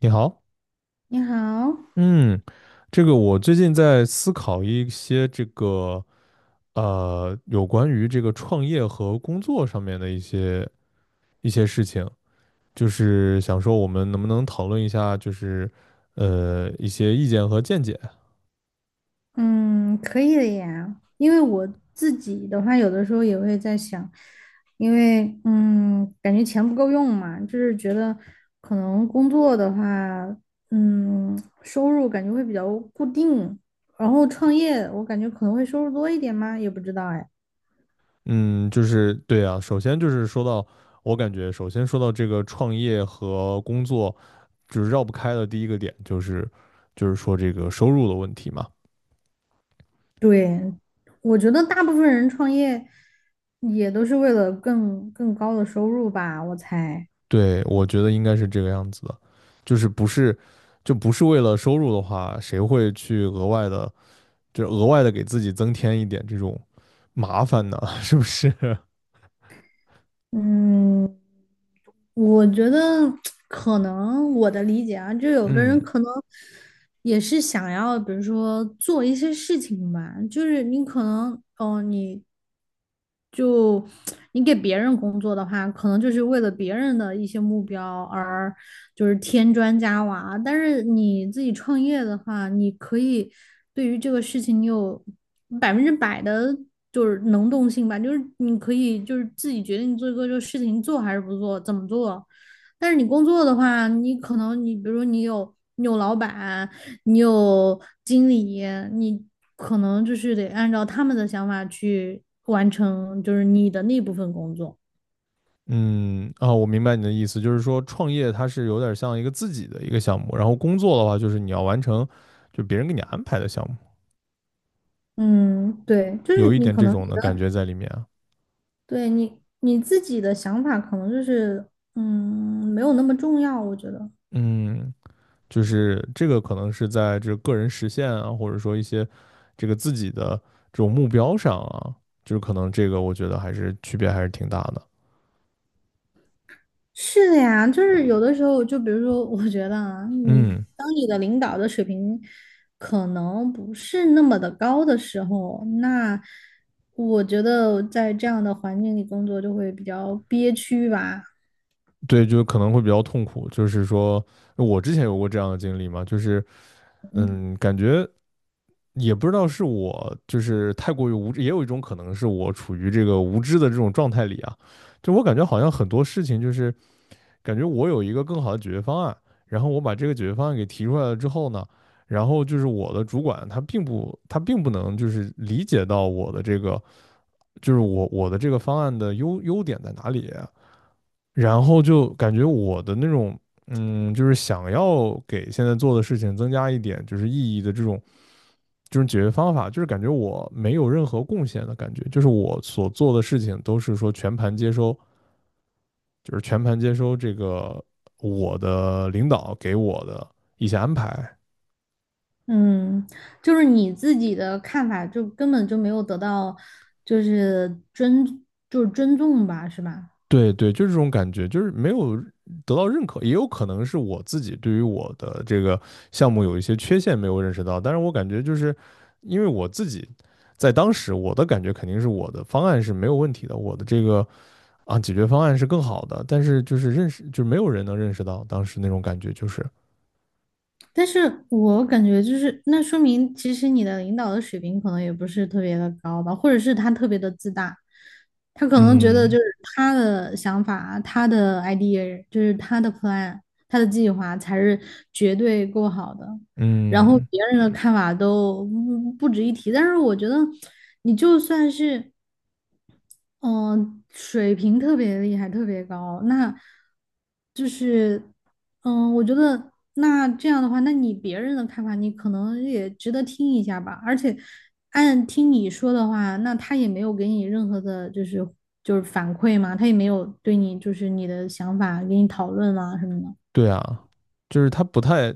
你好，你好。嗯，这个我最近在思考一些这个有关于这个创业和工作上面的一些事情，就是想说我们能不能讨论一下，就是一些意见和见解。嗯，可以的呀。因为我自己的话，有的时候也会在想，因为感觉钱不够用嘛，就是觉得可能工作的话，收入感觉会比较固定，然后创业我感觉可能会收入多一点嘛，也不知道哎。嗯，就是对啊，首先就是说到，我感觉首先说到这个创业和工作，就是绕不开的第一个点就是说这个收入的问题嘛。对，我觉得大部分人创业也都是为了更高的收入吧，我猜。对，我觉得应该是这个样子的，就是不是，就不是为了收入的话，谁会去额外的，就额外的给自己增添一点这种麻烦呢？是不是？嗯，我觉得 可能我的理解啊，就有的嗯人可能也是想要，比如说做一些事情吧，就是你可能，哦，就你给别人工作的话，可能就是为了别人的一些目标而就是添砖加瓦，但是你自己创业的话，你可以对于这个事情你有百分之百的就是能动性吧，就是你可以就是自己决定做一个这个事情做还是不做，怎么做。但是你工作的话，你可能你比如说你有老板，你有经理，你可能就是得按照他们的想法去完成，就是你的那部分工作。嗯啊，我明白你的意思，就是说创业它是有点像一个自己的一个项目，然后工作的话就是你要完成，就别人给你安排的项目，嗯，对，就是有一你点可这能种的感觉在里面啊。对你你自己的想法，可能就是没有那么重要，我觉得嗯，就是这个可能是在这个个人实现啊，或者说一些这个自己的这种目标上啊，就是可能这个我觉得还是区别还是挺大的。是的呀。就是有的时候，就比如说，我觉得啊，你嗯，当你的领导的水平可能不是那么的高的时候，那我觉得在这样的环境里工作就会比较憋屈吧。对，就可能会比较痛苦。就是说我之前有过这样的经历嘛，就是感觉也不知道是我就是太过于无知，也有一种可能是我处于这个无知的这种状态里啊，就我感觉好像很多事情就是。感觉我有一个更好的解决方案，然后我把这个解决方案给提出来了之后呢，然后就是我的主管他并不能就是理解到我的这个就是我的这个方案的优点在哪里啊，然后就感觉我的那种就是想要给现在做的事情增加一点就是意义的这种。这种解决方法，就是感觉我没有任何贡献的感觉，就是我所做的事情都是说全盘接收这个我的领导给我的一些安排。嗯，就是你自己的看法，就根本就没有得到，就是尊，就是尊重吧，是吧？对对，就是这种感觉，就是没有得到认可，也有可能是我自己对于我的这个项目有一些缺陷没有认识到，但是我感觉就是因为我自己在当时我的感觉肯定是我的方案是没有问题的，我的这个解决方案是更好的，但是就是认识就是没有人能认识到当时那种感觉，就是但是我感觉就是，那说明其实你的领导的水平可能也不是特别的高吧，或者是他特别的自大，他可能觉得就嗯是他的想法、他的 idea，就是他的 plan、他的计划才是绝对够好的。然后嗯，别人的看法都不值一提。但是我觉得，你就算是嗯，水平特别厉害，特别高。那就是，嗯，我觉得那这样的话，那你别人的看法，你可能也值得听一下吧。而且，按听你说的话，那他也没有给你任何的，就是反馈嘛，他也没有对你就是你的想法给你讨论啊什么的。对啊，就是他不太，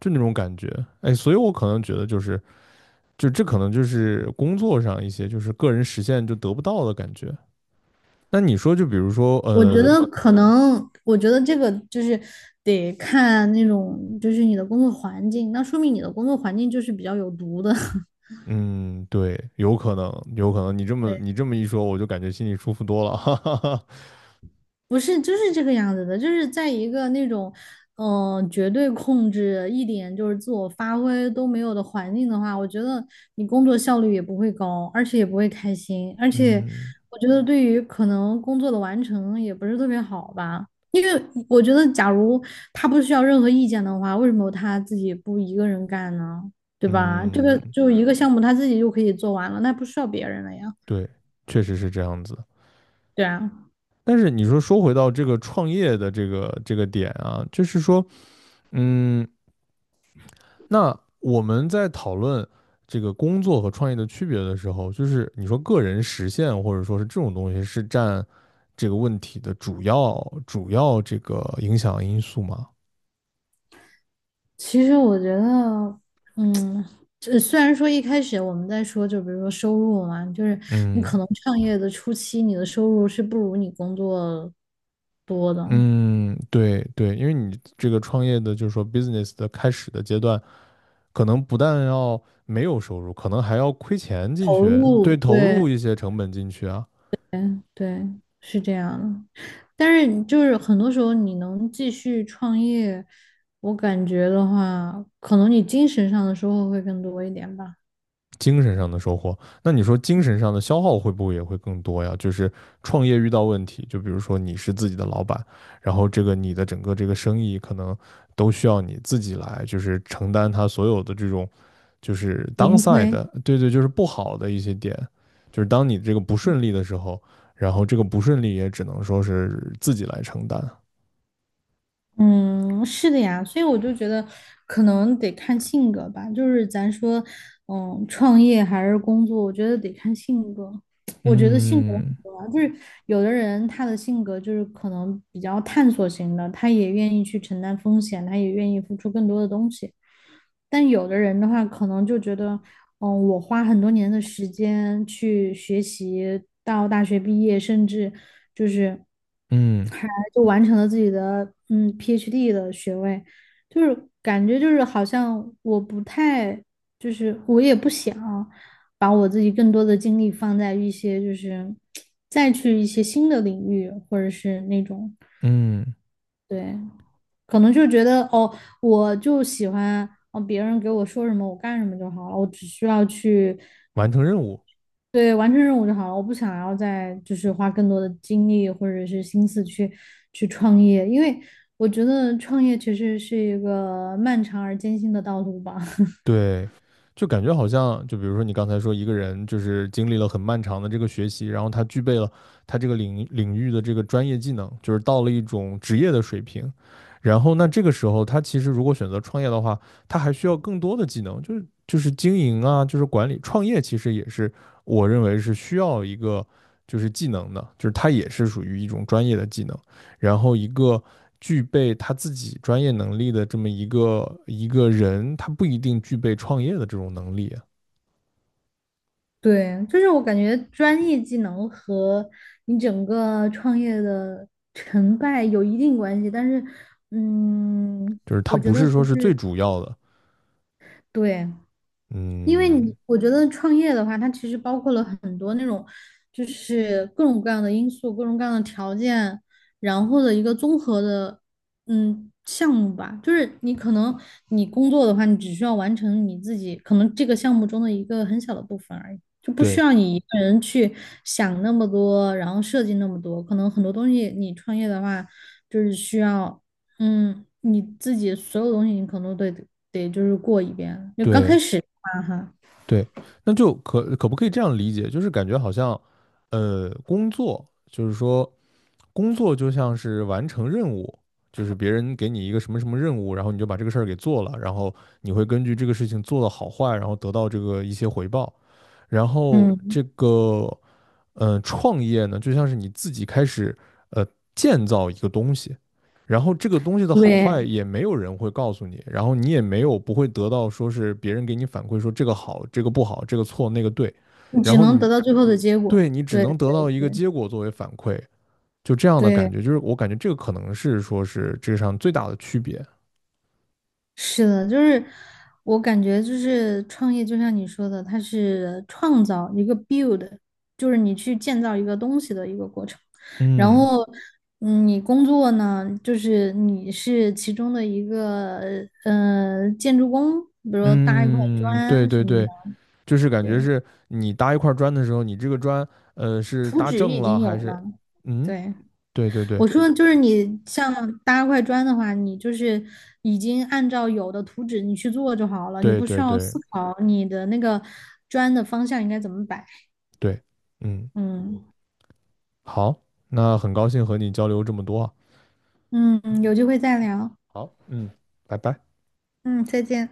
就那种感觉，哎，所以我可能觉得就是，就这可能就是工作上一些就是个人实现就得不到的感觉。那你说，就比如说，我觉得可能，我觉得这个就是得看那种，就是你的工作环境。那说明你的工作环境就是比较有毒的。嗯，对，有可能，有可能，你这么一说，我就感觉心里舒服多了，哈哈哈。不是，就是这个样子的，就是在一个那种，嗯、绝对控制，一点就是自我发挥都没有的环境的话，我觉得你工作效率也不会高，而且也不会开心，而且嗯我觉得对于可能工作的完成也不是特别好吧，因为我觉得假如他不需要任何意见的话，为什么他自己不一个人干呢？对吧？这个嗯，就一个项目他自己就可以做完了，那不需要别人了呀。对，确实是这样子。对啊。但是你说回到这个创业的这个点啊，就是说，嗯，那我们在讨论这个工作和创业的区别的时候，就是你说个人实现或者说是这种东西是占这个问题的主要这个影响因素吗？其实我觉得，嗯，这虽然说一开始我们在说，就比如说收入嘛，就是你可嗯能创业的初期，你的收入是不如你工作多的，嗯，对对，因为你这个创业的就是说 business 的开始的阶段，可能不但要没有收入，可能还要亏钱进投去，对，入，投对入一些成本进去啊。对，是这样的。但是就是很多时候你能继续创业，我感觉的话，可能你精神上的收获会更多一点吧，精神上的收获。那你说精神上的消耗会不会也会更多呀？就是创业遇到问题，就比如说你是自己的老板，然后这个你的整个这个生意可能都需要你自己来，就是承担它所有的这种就是 盈 downside 亏。的，对对，就是不好的一些点，就是当你这个不顺利的时候，然后这个不顺利也只能说是自己来承担，嗯，是的呀，所以我就觉得可能得看性格吧，就是咱说，嗯，创业还是工作，我觉得得看性格。我觉得性格很嗯重要，就是有的人他的性格就是可能比较探索型的，他也愿意去承担风险，他也愿意付出更多的东西。但有的人的话，可能就觉得，嗯，我花很多年的时间去学习，到大学毕业，甚至就是嗯还就完成了自己的嗯 PhD 的学位，就是感觉就是好像我不太，就是我也不想把我自己更多的精力放在一些就是再去一些新的领域，或者是那种嗯对。可能就觉得哦，我就喜欢哦，别人给我说什么我干什么就好了，我只需要去完成任务。对完成任务就好了，我不想要再就是花更多的精力或者是心思去创业，因为我觉得创业其实是一个漫长而艰辛的道路吧。对，就感觉好像，就比如说你刚才说一个人就是经历了很漫长的这个学习，然后他具备了他这个领域的这个专业技能，就是到了一种职业的水平，然后那这个时候他其实如果选择创业的话，他还需要更多的技能，就是经营啊，就是管理，创业其实也是我认为是需要一个就是技能的，就是它也是属于一种专业的技能。然后一个具备他自己专业能力的这么一个人，他不一定具备创业的这种能力，对，就是我感觉专业技能和你整个创业的成败有一定关系，但是嗯，就是他我觉不得是不说是最是，主要的。对。因为你，嗯，我觉得创业的话，它其实包括了很多那种，就是各种各样的因素、各种各样的条件，然后的一个综合的，嗯，项目吧。就是你可能你工作的话，你只需要完成你自己可能这个项目中的一个很小的部分而已，就不需对要你一个人去想那么多，然后设计那么多。可能很多东西你创业的话，就是需要。嗯，你自己所有东西你可能都得就是过一遍。就刚开对始啊哈，对，那就可不可以这样理解？就是感觉好像，工作就是说工作就像是完成任务。就是别人给你一个什么什么任务，然后你就把这个事儿给做了，然后你会根据这个事情做的好坏，然后得到这个一些回报。然后嗯，这个创业呢，就像是你自己开始呃建造一个东西，然后这个东西的好对，坏也没有人会告诉你，然后你也没有不会得到说是别人给你反馈说这个好，这个不好，这个错，那个对，你然只后能你得到最后的结果。对你只对能得到对一个对结果作为反馈，就这样的感对，觉，就是我感觉这个可能是说是这上最大的区别。是的，就是我感觉就是创业，就像你说的，它是创造一个 build，就是你去建造一个东西的一个过程。然嗯后，嗯，你工作呢，就是你是其中的一个呃建筑工，比如说搭一块嗯，对砖对什么对，的，就是感觉对，是你搭一块砖的时候，你这个砖是图搭纸正已了经有还了，是嗯？对。对对对我说就是你像搭块砖的话，你就是已经按照有的图纸你去做就好了，你对不需对要对思考你的那个砖的方向应该怎么摆。对，嗯，嗯好，那很高兴和你交流这么多啊嗯，有机会再聊。好，嗯，拜拜。嗯，再见。